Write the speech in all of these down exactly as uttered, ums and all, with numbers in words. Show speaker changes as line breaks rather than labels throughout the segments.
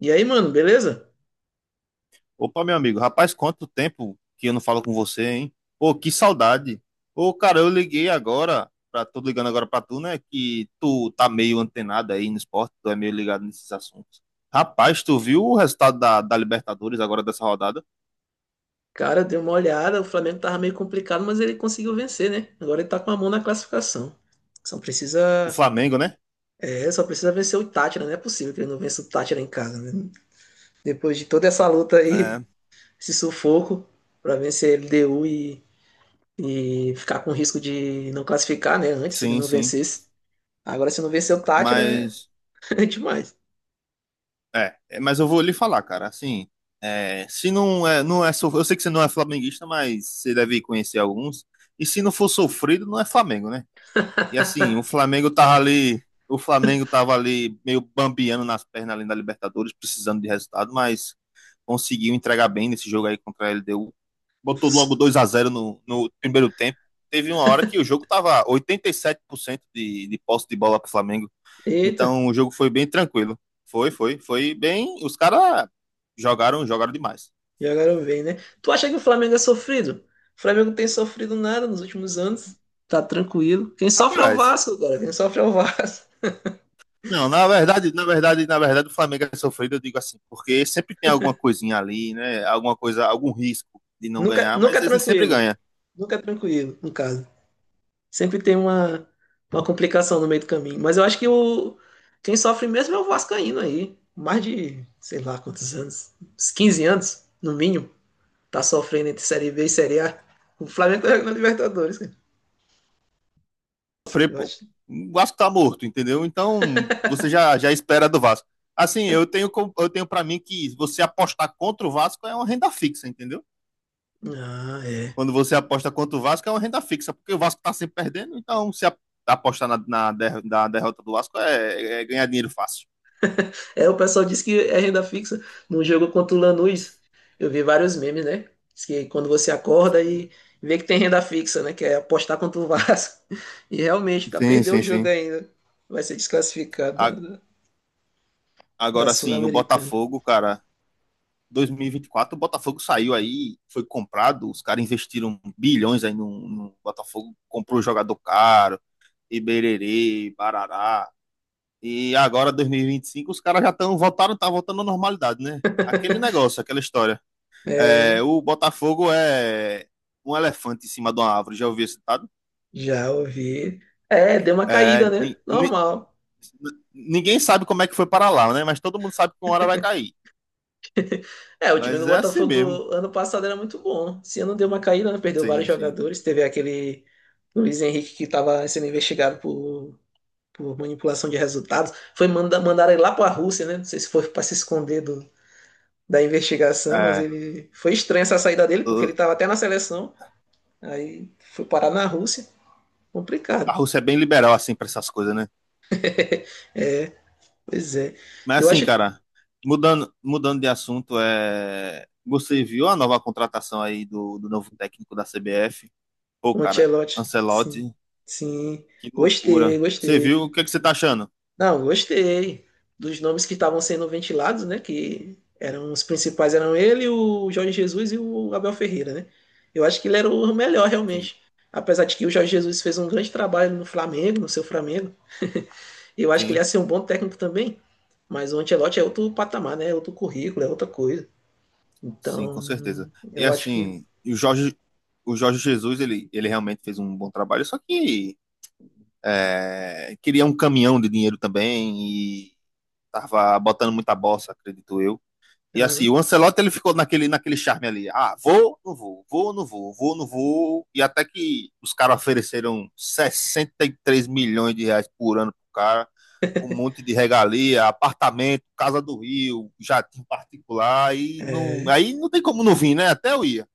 E aí, mano, beleza?
Opa, meu amigo, rapaz, quanto tempo que eu não falo com você, hein? Pô, que saudade. Ô, cara, eu liguei agora, pra, tô ligando agora pra tu, né? Que tu tá meio antenado aí no esporte, tu é meio ligado nesses assuntos. Rapaz, tu viu o resultado da, da Libertadores agora dessa rodada?
Cara, deu uma olhada, o Flamengo tava meio complicado, mas ele conseguiu vencer, né? Agora ele tá com a mão na classificação. Só
O
precisa,
Flamengo, né?
é, só precisa vencer o Tátira, não é possível que ele não vença o Tátira em casa, né? Depois de toda essa luta
É,
aí, esse sufoco pra vencer a L D U e, e ficar com risco de não classificar, né? Antes, se ele
sim,
não
sim.
vencesse. Agora, se não vencer o Tátira,
Mas,
é, é demais.
é, é, mas eu vou lhe falar, cara, assim, é, se não é, não é, so- eu sei que você não é flamenguista, mas você deve conhecer alguns. E se não for sofrido, não é Flamengo, né? E assim, o Flamengo tava ali, o Flamengo tava ali meio bambiando nas pernas ali da Libertadores, precisando de resultado, mas conseguiu entregar bem nesse jogo aí contra a L D U. Botou logo dois a zero no, no primeiro tempo. Teve uma hora que o jogo tava oitenta e sete por cento de, de posse de bola pro Flamengo.
Eita,
Então o jogo foi bem tranquilo. Foi, foi, foi bem. Os caras jogaram, jogaram demais.
jogaram bem, né? Tu acha que o Flamengo é sofrido? O Flamengo não tem sofrido nada nos últimos anos. Tá tranquilo. Quem sofre é o
Rapaz,
Vasco agora. Quem sofre é o Vasco.
não, na verdade, na verdade, na verdade, o Flamengo é sofrido, eu digo assim, porque sempre tem alguma coisinha ali, né? Alguma coisa, algum risco de não
Nunca,
ganhar,
nunca
mas
é
ele sempre
tranquilo.
ganha.
Nunca é tranquilo, no caso. Sempre tem uma, uma complicação no meio do caminho. Mas eu acho que o, quem sofre mesmo é o Vascaíno aí. Mais de, sei lá quantos anos. Uns quinze anos, no mínimo. Tá sofrendo entre Série B e Série A. O Flamengo tá jogando na Libertadores, cara.
Sofrer,
Eu
pô.
acho.
O Vasco tá morto, entendeu? Então, você já, já espera do Vasco. Assim, eu tenho, com- eu tenho para mim que você apostar contra o Vasco é uma renda fixa, entendeu?
Ah, é.
Quando você aposta contra o Vasco é uma renda fixa, porque o Vasco tá sempre perdendo, então se a- apostar na, na, der- na derrota do Vasco é, é ganhar dinheiro fácil.
É, o pessoal diz que é renda fixa. No jogo contra o Lanús, eu vi vários memes, né? Diz que quando você acorda e vê que tem renda fixa, né? Que é apostar contra o Vasco. E realmente, tá
Sim,
perdendo o
sim,
jogo
sim.
ainda. Vai ser desclassificado da,
A-
da- da
Agora sim, o
Sul-Americana.
Botafogo, cara, dois mil e vinte e quatro o Botafogo saiu aí, foi comprado, os caras investiram bilhões aí no, no Botafogo, comprou jogador caro, Ibererê, Barará. E agora, dois mil e vinte e cinco, os caras já estão voltaram, tá voltando à normalidade, né? Aquele negócio, aquela história. É,
É,
o Botafogo é um elefante em cima de uma árvore, já ouvi esse ditado?
já ouvi. É, deu uma
É,
caída, né?
ni, ni,
Normal.
ninguém sabe como é que foi para lá, né? Mas todo mundo sabe que uma hora vai cair.
É, o time do
Mas é assim mesmo.
Botafogo ano passado era muito bom. Esse ano deu uma caída, né? Perdeu vários
Sim, sim.
jogadores. Teve aquele Luiz Henrique que estava sendo investigado por por manipulação de resultados. Foi manda, mandar ele lá para a Rússia, né? Não sei se foi para se esconder do, da investigação, mas
É,
ele foi estranha essa saída dele, porque ele
o-
estava até na seleção, aí foi parar na Rússia.
a
Complicado.
Rússia é bem liberal assim para essas coisas, né?
Pois é.
Mas
Eu
assim,
acho que
cara, mudando, mudando de assunto, é... você viu a nova contratação aí do, do novo técnico da C B F? Pô,
o
cara,
Ancelotti, sim,
Ancelotti,
sim.
que
Gostei,
loucura. Você
gostei.
viu? O que é que você tá achando?
Não, gostei dos nomes que estavam sendo ventilados, né? Que eram os principais, eram ele, o Jorge Jesus e o Abel Ferreira, né? Eu acho que ele era o melhor
Sim,
realmente. Apesar de que o Jorge Jesus fez um grande trabalho no Flamengo, no seu Flamengo, eu acho que ele
sim,
ia ser um bom técnico também. Mas o Ancelotti é outro patamar, né? É outro currículo, é outra coisa.
sim, com certeza.
Então,
E
eu acho que.
assim, o Jorge, o Jorge Jesus, ele, ele realmente fez um bom trabalho, só que é, queria um caminhão de dinheiro também e tava botando muita bossa, acredito eu. E assim, o
Uhum.
Ancelotti ele ficou naquele, naquele charme ali. Ah, vou, não vou, vou, não vou, vou, não vou. E até que os caras ofereceram sessenta e três milhões de reais por ano pro cara, com um monte de regalia, apartamento, casa do Rio, jatinho particular, e não. Aí não tem como não vir, né? Até eu ia.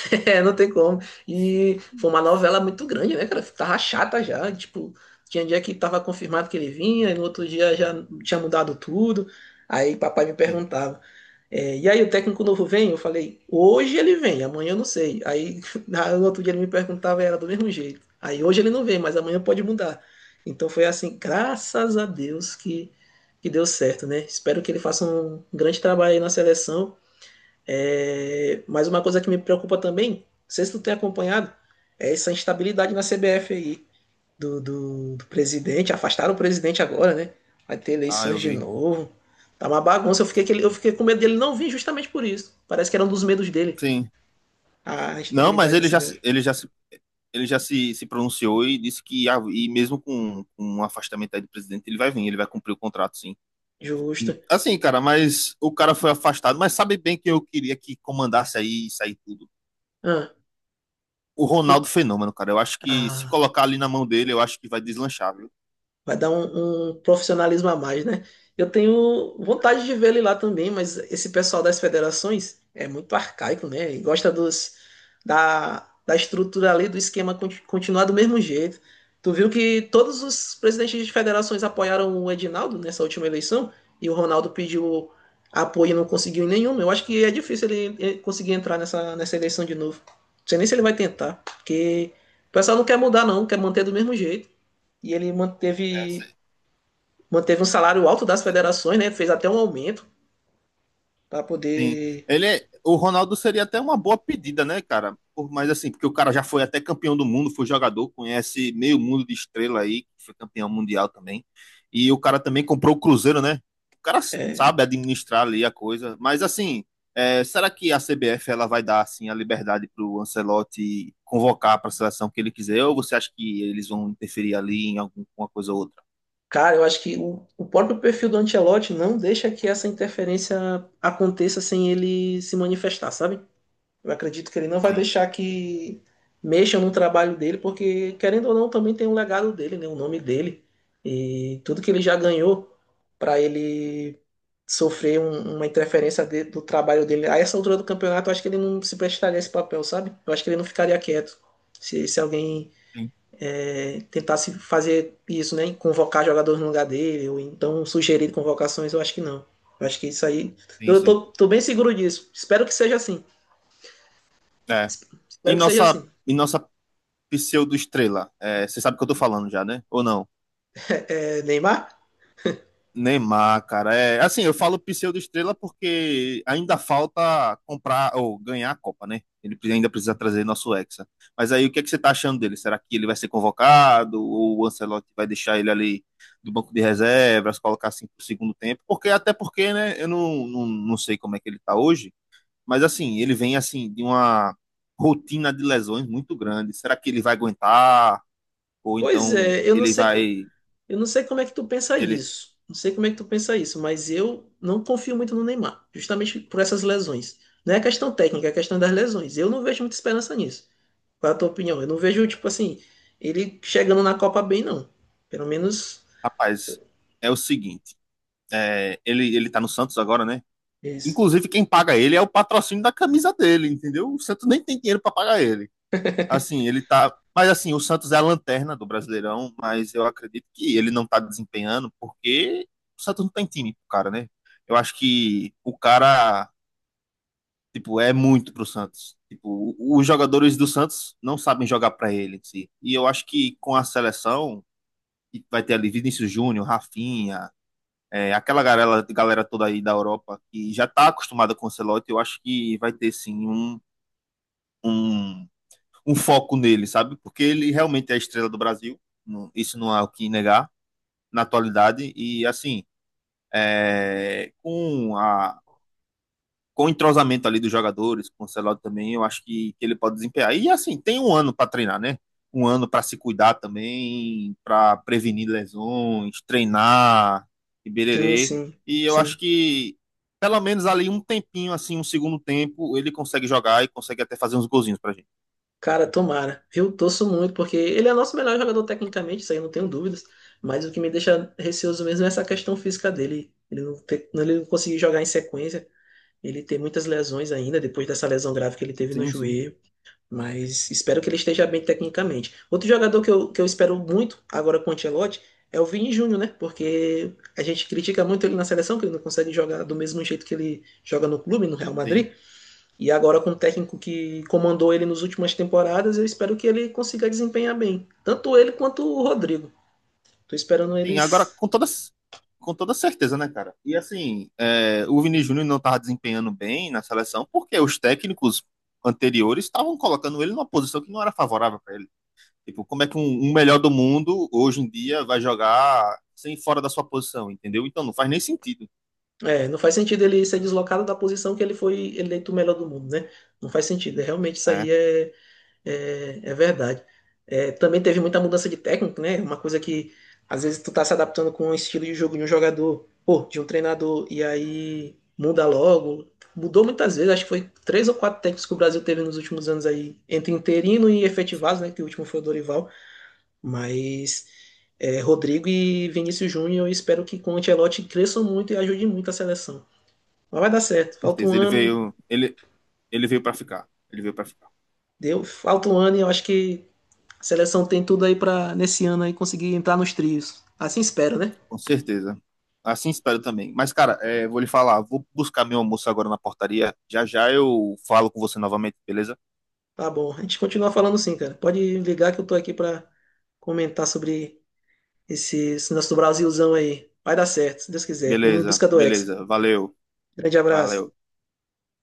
É, não tem como. E foi uma novela muito grande, né, cara? Tava chata já. Tipo, tinha dia que tava confirmado que ele vinha, e no outro dia já tinha mudado tudo. Aí papai me
Sim.
perguntava: é, e aí o técnico novo vem? Eu falei: hoje ele vem, amanhã eu não sei. Aí na- no outro dia ele me perguntava e era do mesmo jeito. Aí hoje ele não vem, mas amanhã pode mudar. Então foi assim, graças a Deus que, que deu certo, né? Espero que ele faça um grande trabalho aí na seleção é, mas uma coisa que me preocupa também, não sei se tu tem acompanhado, é essa instabilidade na C B F aí, do, do, do presidente, afastaram o presidente agora, né? Vai ter
Ah, eu
eleições de
vi.
novo. Tá uma bagunça, eu fiquei, que ele- eu fiquei com medo dele não vir justamente por isso. Parece que era um dos medos dele,
Sim.
a
Não, mas
instabilidade na
ele já,
C B F.
ele já, ele já se, se pronunciou e disse que, ah, e mesmo com, com um afastamento aí do presidente, ele vai vir, ele vai cumprir o contrato, sim.
Justo.
Assim, cara, mas o cara foi afastado, mas sabe bem que eu queria que comandasse aí isso aí tudo.
Ah,
O
o,
Ronaldo Fenômeno, cara. Eu acho que se
ah,
colocar ali na mão dele, eu acho que vai deslanchar, viu?
Vai dar um, um profissionalismo a mais, né? Eu tenho vontade de ver ele lá também, mas esse pessoal das federações é muito arcaico, né? E gosta dos, da, da estrutura ali, do esquema conti- continuar do mesmo jeito. Tu viu que todos os presidentes de federações apoiaram o Edinaldo nessa última eleição e o Ronaldo pediu apoio e não conseguiu em nenhum. Eu acho que é difícil ele ele conseguir entrar nessa, nessa eleição de novo. Não sei nem se ele vai tentar, porque o pessoal não quer mudar, não, quer manter do mesmo jeito e ele
É,
manteve, manteve um salário alto das federações, né? Fez até um aumento para
sim.
poder.
Ele é- o Ronaldo seria até uma boa pedida, né, cara? Por, mas assim, porque o cara já foi até campeão do mundo, foi jogador, conhece meio mundo de estrela aí, que foi campeão mundial também. E o cara também comprou o Cruzeiro, né? O cara
É,
sabe administrar ali a coisa. Mas assim, é, será que a C B F ela vai dar assim a liberdade pro Ancelotti convocar para a seleção que ele quiser? Ou você acha que eles vão interferir ali em alguma coisa ou outra?
cara, eu acho que o, o próprio perfil do Ancelotti não deixa que essa interferência aconteça sem ele se manifestar, sabe? Eu acredito que ele não vai
Sim,
deixar que mexam no trabalho dele, porque, querendo ou não, também tem um legado dele, né? O nome dele. E tudo que ele já ganhou para ele sofrer um- uma interferência de- do trabalho dele. A essa altura do campeonato, eu acho que ele não se prestaria a esse papel, sabe? Eu acho que ele não ficaria quieto. Se, se alguém
sim,
é, tentasse fazer isso, né? Convocar jogadores no lugar dele, ou então sugerir convocações, eu acho que não. Eu acho que isso aí.
sim,
Eu
sim.
tô, tô bem seguro disso. Espero que seja assim.
É. E
Espero que seja
nossa,
assim.
e nossa pseudo-estrela. É, você sabe o que eu tô falando já, né? Ou não?
É, Neymar?
Neymar, cara. É, assim, eu falo pseudo-estrela porque ainda falta comprar ou ganhar a Copa, né? Ele ainda precisa trazer nosso Hexa. Mas aí, o que é que você tá achando dele? Será que ele vai ser convocado? Ou o Ancelotti vai deixar ele ali do banco de reservas, colocar assim pro segundo tempo? Porque, até porque, né? Eu não, não, não sei como é que ele tá hoje. Mas, assim, ele vem, assim, de uma rotina de lesões muito grande. Será que ele vai aguentar? Ou
Pois
então
é, eu não
ele
sei.
vai.
Eu não sei como é que tu pensa
Ele,
isso. Não sei como é que tu pensa isso, mas eu não confio muito no Neymar, justamente por essas lesões. Não é questão técnica, é questão das lesões. Eu não vejo muita esperança nisso. Qual é a tua opinião? Eu não vejo, tipo assim, ele chegando na Copa bem, não. Pelo menos
rapaz, é o seguinte: é, ele, ele tá no Santos agora, né?
isso.
Inclusive, quem paga ele é o patrocínio da camisa dele, entendeu? O Santos nem tem dinheiro para pagar ele. Assim, ele tá. Mas assim, o Santos é a lanterna do Brasileirão, mas eu acredito que ele não tá desempenhando porque o Santos não tem time pro cara, né? Eu acho que o cara, tipo, é muito pro Santos. Tipo, os jogadores do Santos não sabem jogar para ele, em si. E eu acho que com a seleção, que vai ter ali Vinícius Júnior, Rafinha, é, aquela galera, galera toda aí da Europa que já está acostumada com o Ancelotti, eu acho que vai ter sim um, um, um foco nele, sabe? Porque ele realmente é a estrela do Brasil, não, isso não há o que negar na atualidade, e assim, é, com a com o entrosamento ali dos jogadores, com o Celado também, eu acho que, que ele pode desempenhar. E assim, tem um ano para treinar, né? Um ano para se cuidar também, para prevenir lesões, treinar, e
Sim,
bererê.
sim,
E eu
sim.
acho que pelo menos ali um tempinho, assim, um segundo tempo, ele consegue jogar e consegue até fazer uns golzinhos pra gente.
Cara, tomara. Eu torço muito, porque ele é nosso melhor jogador tecnicamente, isso aí eu não tenho dúvidas. Mas o que me deixa receoso mesmo é essa questão física dele. Ele não, ter- ele não conseguir jogar em sequência. Ele tem muitas lesões ainda, depois dessa lesão grave que ele teve no
Sim, sim,
joelho, mas espero que ele esteja bem tecnicamente. Outro jogador que eu, que eu espero muito agora com o Ancelotti é o Vini Júnior, né? Porque a gente critica muito ele na seleção, que ele não consegue jogar do mesmo jeito que ele joga no clube, no Real
sim.
Madrid. E agora com o técnico que comandou ele nas últimas temporadas, eu espero que ele consiga desempenhar bem. Tanto ele quanto o Rodrigo. Tô esperando
Sim, agora
eles
com toda, com toda certeza, né, cara? E assim, é, o Vini Júnior não estava desempenhando bem na seleção porque os técnicos anteriores estavam colocando ele numa posição que não era favorável para ele. Tipo, como é que um, um melhor do mundo hoje em dia vai jogar sem fora da sua posição, entendeu? Então não faz nem sentido.
é, não faz sentido ele ser deslocado da posição que ele foi eleito o melhor do mundo, né? Não faz sentido. É, realmente isso aí
É,
é, é, é verdade. É, também teve muita mudança de técnico, né? Uma coisa que às vezes tu tá se adaptando com o estilo de jogo de um jogador, ou de um treinador, e aí muda logo. Mudou muitas vezes, acho que foi três ou quatro técnicos que o Brasil teve nos últimos anos aí, entre interino e efetivados, né? Que o último foi o Dorival, mas é, Rodrigo e Vinícius Júnior, eu espero que com o Ancelotti cresçam muito e ajudem muito a seleção. Mas vai dar certo.
com
Falta um
certeza. Ele
ano.
veio, ele, ele veio para ficar. Ele veio para ficar.
Deu, falta um ano e eu acho que a seleção tem tudo aí para nesse ano aí conseguir entrar nos trios. Assim espero, né?
Com certeza. Assim espero também. Mas, cara, é, vou lhe falar, vou buscar meu almoço agora na portaria. Já já eu falo com você novamente, beleza?
Tá bom. A gente continua falando sim, cara. Pode ligar que eu tô aqui para comentar sobre esse, esse nosso Brasilzão aí. Vai dar certo, se Deus quiser. Vamos em
Beleza,
busca do Hexa.
beleza. Valeu,
Grande abraço.
valeu.